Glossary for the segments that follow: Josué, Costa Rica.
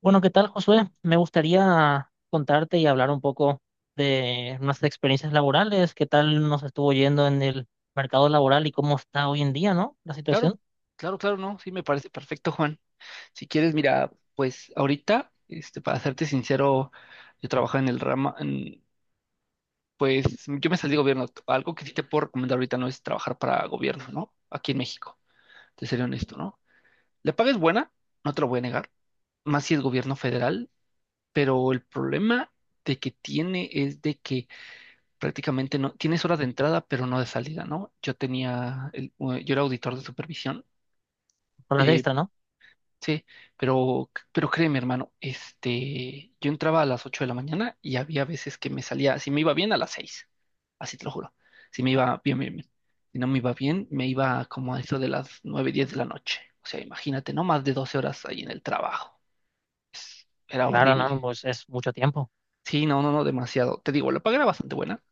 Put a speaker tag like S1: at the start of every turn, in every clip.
S1: Bueno, ¿qué tal, Josué? Me gustaría contarte y hablar un poco de nuestras experiencias laborales, qué tal nos estuvo yendo en el mercado laboral y cómo está hoy en día, ¿no? La
S2: Claro,
S1: situación
S2: claro, claro, no, sí me parece perfecto, Juan. Si quieres, mira, pues ahorita, para serte sincero, yo trabajo en el rama, pues yo me salí de gobierno. Algo que sí te puedo recomendar ahorita no es trabajar para gobierno, ¿no? Aquí en México, te seré honesto, ¿no? La paga es buena, no te lo voy a negar, más si es gobierno federal, pero el problema de que tiene es de que prácticamente no, tienes horas de entrada, pero no de salida, ¿no? Yo era auditor de supervisión.
S1: con las
S2: eh,
S1: extras, ¿no?
S2: Sí, pero, créeme, hermano, yo entraba a las 8 de la mañana y había veces que me salía, si me iba bien, a las 6, así te lo juro, si me iba bien, bien, bien. Si no me iba bien, me iba como a eso de las 9:10 de la noche. O sea, imagínate, no más de 12 horas ahí en el trabajo. Era
S1: Claro,
S2: horrible.
S1: no, pues es mucho tiempo.
S2: Sí, no, no, no, demasiado. Te digo, la paga era bastante buena,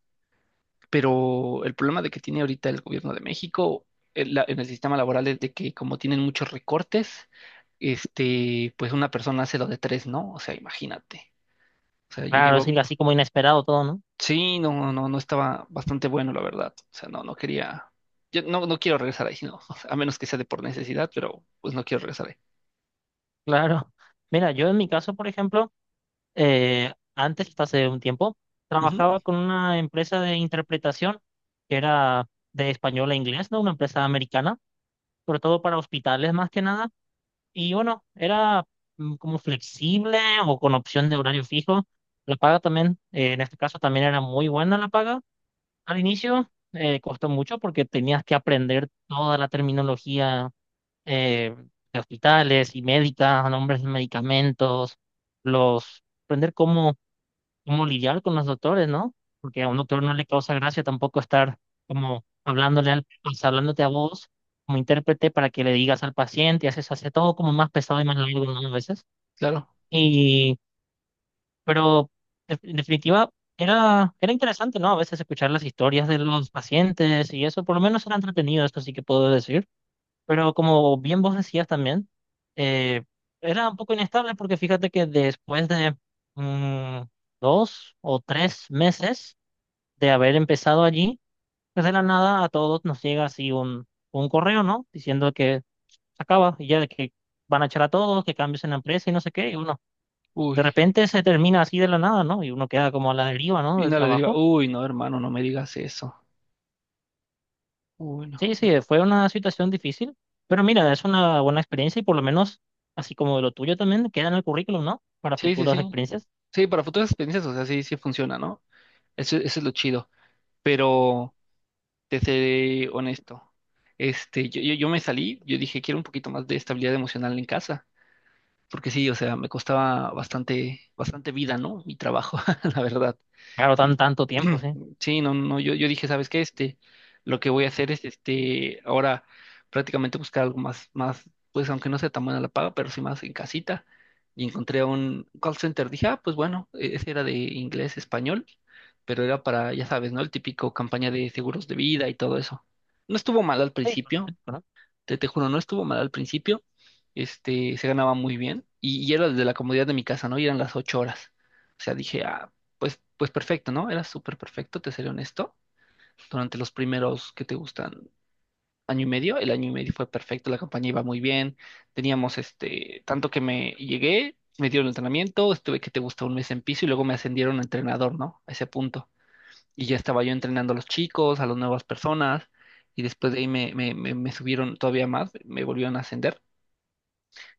S2: pero el problema de que tiene ahorita el gobierno de México en el sistema laboral es de que como tienen muchos recortes, pues una persona hace lo de tres, ¿no? O sea, imagínate. O sea, yo
S1: Claro, es
S2: llevo,
S1: así como inesperado todo, ¿no?
S2: sí, no, no, no estaba bastante bueno, la verdad. O sea, no, no quería, yo no, no quiero regresar ahí, no, a menos que sea de por necesidad, pero pues no quiero regresar ahí.
S1: Claro. Mira, yo en mi caso, por ejemplo, antes, hasta hace un tiempo,
S2: Ujú,
S1: trabajaba con una empresa de interpretación que era de español a inglés, ¿no? Una empresa americana, sobre todo para hospitales más que nada. Y bueno, era como flexible o con opción de horario fijo. La paga también, en este caso también era muy buena la paga. Al inicio costó mucho porque tenías que aprender toda la terminología eh, de hospitales y médica, nombres de medicamentos, aprender cómo cómo lidiar con los doctores, ¿no? Porque a un doctor no le causa gracia tampoco estar como hablándole al, pues, hablándote a vos como intérprete para que le digas al paciente, y hace todo como más pesado y más largo, ¿no? A veces.
S2: claro.
S1: Y, pero en definitiva, era interesante, ¿no? A veces escuchar las historias de los pacientes y eso, por lo menos era entretenido, esto sí que puedo decir. Pero como bien vos decías también, eh, era un poco inestable porque fíjate que después de mm, 2 o 3 meses de haber empezado allí, pues de la nada a todos nos llega así un correo, ¿no? Diciendo que se acaba y ya de que van a echar a todos, que cambios en la empresa y no sé qué. Y uno,
S2: Uy,
S1: de repente se termina así de la nada, ¿no? Y uno queda como a la deriva, ¿no?
S2: y
S1: Del
S2: no le diría,
S1: trabajo.
S2: uy, no, hermano, no me digas eso. Uy, no.
S1: Sí, sí, fue una situación difícil, pero mira, es una buena experiencia y por lo menos, así como de lo tuyo también, queda en el currículum, ¿no? Para
S2: Sí, sí,
S1: futuras
S2: sí.
S1: experiencias.
S2: Sí, para futuras experiencias, o sea, sí, sí funciona, ¿no? Eso es lo chido. Pero te seré honesto. Yo me salí, yo dije, quiero un poquito más de estabilidad emocional en casa, porque sí, o sea, me costaba bastante, bastante vida, ¿no? Mi trabajo, la verdad.
S1: Claro,
S2: Y-
S1: tanto tiempo, sí.
S2: Sí, no, no, yo dije, ¿sabes qué? Lo que voy a hacer es, ahora prácticamente buscar algo más, pues aunque no sea tan buena la paga, pero sí más en casita. Y encontré un call center. Dije, ah, pues bueno, ese era de inglés, español, pero era para, ya sabes, ¿no? El típico campaña de seguros de vida y todo eso. No estuvo mal al
S1: Sí, por lo
S2: principio,
S1: típico, ¿no?
S2: te juro, no estuvo mal al principio, se ganaba muy bien y era desde la comodidad de mi casa, ¿no? Y eran las 8 horas. O sea, dije, ah, pues perfecto, ¿no? Era súper perfecto, te seré honesto. Durante los primeros que te gustan año y medio, el año y medio fue perfecto, la campaña iba muy bien, teníamos tanto que me llegué, me dieron entrenamiento, estuve que te gusta un mes en piso y luego me ascendieron a entrenador, ¿no? A ese punto y ya estaba yo entrenando a los chicos, a las nuevas personas, y después de ahí me subieron todavía más, me volvieron a ascender,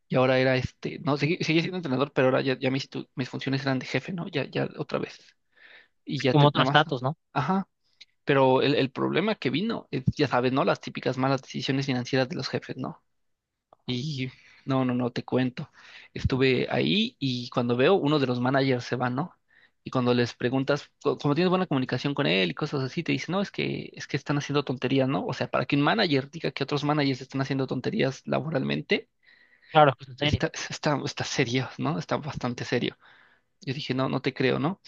S2: y ahora era no, seguí siendo entrenador, pero ahora ya, ya mis, mis funciones eran de jefe, ¿no? Ya, ya otra vez, y ya te,
S1: Como otro
S2: nada más,
S1: estatus, ¿no?
S2: ajá, pero el problema que vino es, ya sabes, ¿no? Las típicas malas decisiones financieras de los jefes, ¿no? Y no, no, no, te cuento. Estuve ahí y cuando veo, uno de los managers se va, ¿no? Y cuando les preguntas, como tienes buena comunicación con él y cosas así, te dice, no, es que están haciendo tonterías, ¿no? O sea, para que un manager diga que otros managers están haciendo tonterías laboralmente,
S1: Claro, es que es en serio.
S2: está serio, ¿no? Está bastante serio. Yo dije, no, no te creo, ¿no?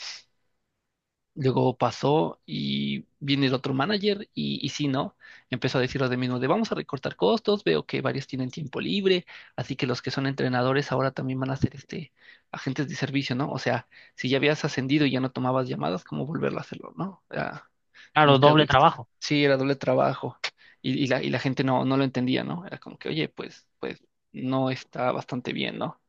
S2: Luego pasó y viene el otro manager y sí, ¿no? Empezó a decir lo de mismo de vamos a recortar costos, veo que varios tienen tiempo libre, así que los que son entrenadores ahora también van a ser agentes de servicio, ¿no? O sea, si ya habías ascendido y ya no tomabas llamadas, ¿cómo volverlo a hacerlo, no? Era como
S1: Claro,
S2: que algo
S1: doble
S2: extra.
S1: trabajo,
S2: Sí, era doble trabajo y la gente no, no lo entendía, ¿no? Era como que, oye, pues no está bastante bien, ¿no?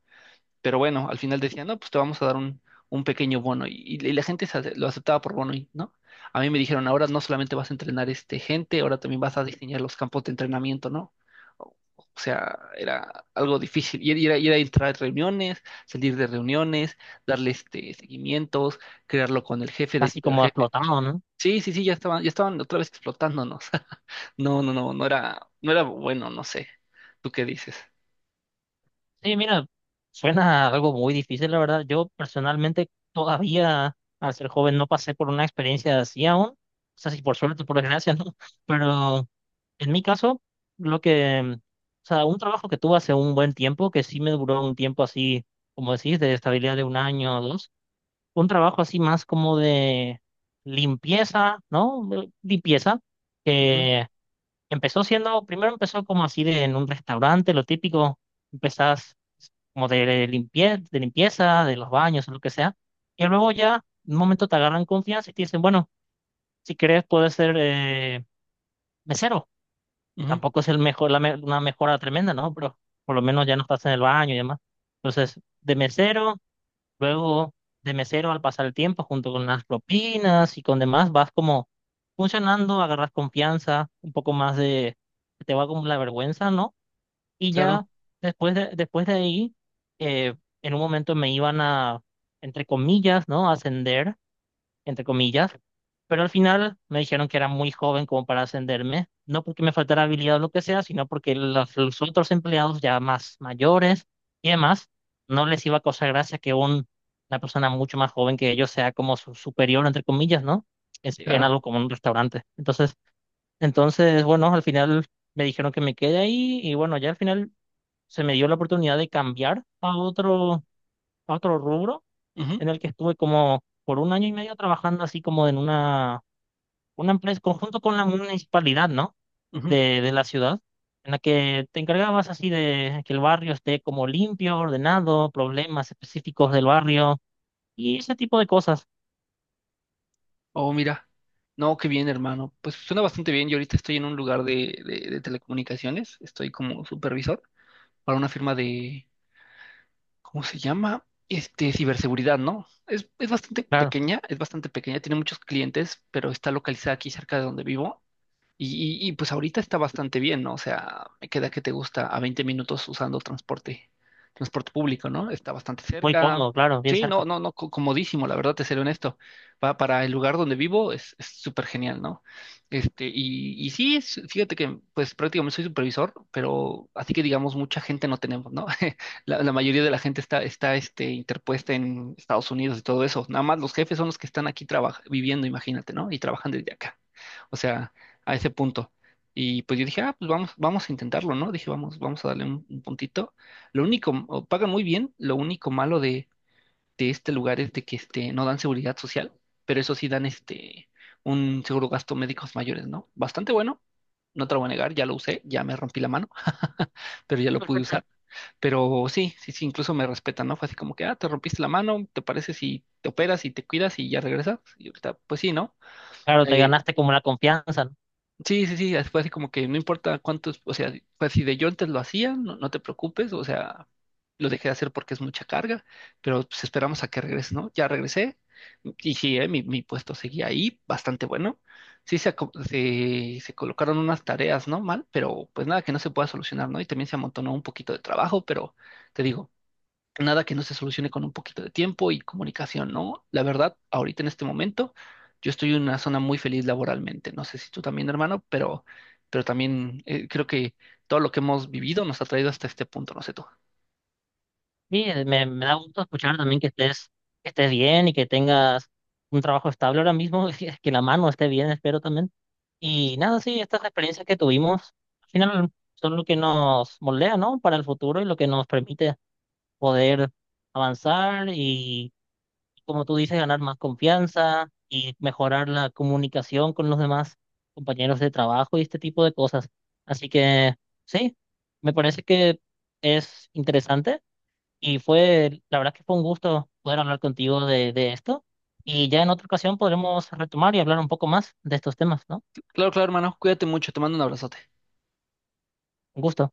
S2: Pero bueno, al final decían, no, pues te vamos a dar un pequeño bono. Y la gente lo aceptaba por bono, ¿no? A mí me dijeron, ahora no solamente vas a entrenar gente, ahora también vas a diseñar los campos de entrenamiento, ¿no? O sea, era algo difícil. Y era entrar a reuniones, salir de reuniones, darle seguimientos, crearlo con el jefe,
S1: casi
S2: decirle al
S1: como
S2: jefe.
S1: explotado, ¿no?
S2: Sí, sí, sí, ya estaban otra vez explotándonos. No, no, no, no era bueno, no sé. ¿Tú qué dices?
S1: Sí, mira, suena algo muy difícil, la verdad. Yo personalmente todavía, al ser joven, no pasé por una experiencia así aún. O sea, si por suerte, por desgracia, ¿no? Pero en mi caso, lo que, o sea, un trabajo que tuve hace un buen tiempo, que sí me duró un tiempo así, como decís, de estabilidad de 1 año o 2, un trabajo así más como de limpieza, ¿no? Limpieza,
S2: Ujú,
S1: que empezó siendo, primero empezó como así de, en un restaurante, lo típico, empezás como de, de limpieza, de los baños, o lo que sea, y luego ya, en un momento te agarran confianza y te dicen, bueno, si querés puedes ser mesero,
S2: ujú,
S1: tampoco es el mejor, una mejora tremenda, ¿no? Pero por lo menos ya no estás en el baño y demás. Entonces, de mesero. Luego, de mesero, al pasar el tiempo, junto con las propinas y con demás, vas como funcionando, agarras confianza, un poco más de, te va como la vergüenza, ¿no? Y ya
S2: claro,
S1: después de ahí, eh, en un momento me iban a, entre comillas, ¿no? ascender entre comillas, pero al final me dijeron que era muy joven como para ascenderme, no porque me faltara habilidad o lo que sea, sino porque los otros empleados ya más mayores y demás, no les iba a causar gracia que una persona mucho más joven que ellos sea como su superior, entre comillas, ¿no? Es, en
S2: claro.
S1: algo como un restaurante. Entonces, entonces, bueno, al final me dijeron que me quede ahí y bueno, ya al final se me dio la oportunidad de cambiar a a otro rubro
S2: Ujú.
S1: en el que estuve como por 1 año y medio trabajando así como en una empresa, conjunto con la municipalidad, ¿no?
S2: Ujú.
S1: De la ciudad, en la que te encargabas así de que el barrio esté como limpio, ordenado, problemas específicos del barrio y ese tipo de cosas.
S2: Oh, mira. No, qué bien, hermano. Pues suena bastante bien. Yo ahorita estoy en un lugar de telecomunicaciones. Estoy como supervisor para una firma de, ¿cómo se llama? Ciberseguridad, ¿no? Es bastante
S1: Claro,
S2: pequeña, es bastante pequeña. Tiene muchos clientes, pero está localizada aquí cerca de donde vivo. Y pues ahorita está bastante bien, ¿no? O sea, me queda que te gusta a 20 minutos usando transporte público, ¿no? Está bastante
S1: muy
S2: cerca.
S1: cómodo, claro, bien
S2: Sí, no,
S1: cerca.
S2: no, no, comodísimo, la verdad, te seré honesto. Para el lugar donde vivo es súper genial, ¿no? Y sí, fíjate que pues prácticamente soy supervisor, pero así que digamos mucha gente no tenemos, ¿no? La mayoría de la gente está interpuesta en Estados Unidos y todo eso. Nada más los jefes son los que están aquí viviendo, imagínate, ¿no? Y trabajan desde acá. O sea, a ese punto. Y pues yo dije, ah, pues vamos, vamos a intentarlo, ¿no? Dije, vamos, vamos a darle un puntito. Lo único, o pagan muy bien, lo único malo de este lugar es de que no dan seguridad social, pero eso sí dan un seguro gasto médicos mayores, ¿no? Bastante bueno, no te lo voy a negar, ya lo usé, ya me rompí la mano, pero ya lo pude usar. Pero sí, sí, sí, incluso me respetan, ¿no? Fue así como que, ah, te rompiste la mano, ¿te parece si te operas y te cuidas y ya regresas? Y ahorita, pues sí, ¿no?
S1: Claro, te
S2: Eh,
S1: ganaste como la confianza.
S2: Sí, sí, sí, así fue así como que no importa cuántos, o sea, pues si de yo antes lo hacía, no, no te preocupes, o sea, lo dejé de hacer porque es mucha carga, pero pues esperamos a que regrese, ¿no? Ya regresé y sí, mi puesto seguía ahí, bastante bueno. Sí, se colocaron unas tareas, ¿no? Mal, pero pues nada que no se pueda solucionar, ¿no? Y también se amontonó un poquito de trabajo, pero te digo, nada que no se solucione con un poquito de tiempo y comunicación, ¿no? La verdad, ahorita en este momento, yo estoy en una zona muy feliz laboralmente. No sé si tú también, hermano, pero, también creo que todo lo que hemos vivido nos ha traído hasta este punto, no sé tú.
S1: Sí, me da gusto escuchar también que estés bien y que tengas un trabajo estable ahora mismo, que la mano esté bien, espero también. Y nada, sí, estas experiencias que tuvimos, al final son lo que nos moldea, ¿no? Para el futuro y lo que nos permite poder avanzar y, como tú dices, ganar más confianza y mejorar la comunicación con los demás compañeros de trabajo y este tipo de cosas. Así que sí, me parece que es interesante y fue, la verdad que fue un gusto poder hablar contigo de esto. Y ya en otra ocasión podremos retomar y hablar un poco más de estos temas, ¿no?
S2: Claro, claro, hermano, cuídate mucho, te mando un abrazote.
S1: Un gusto.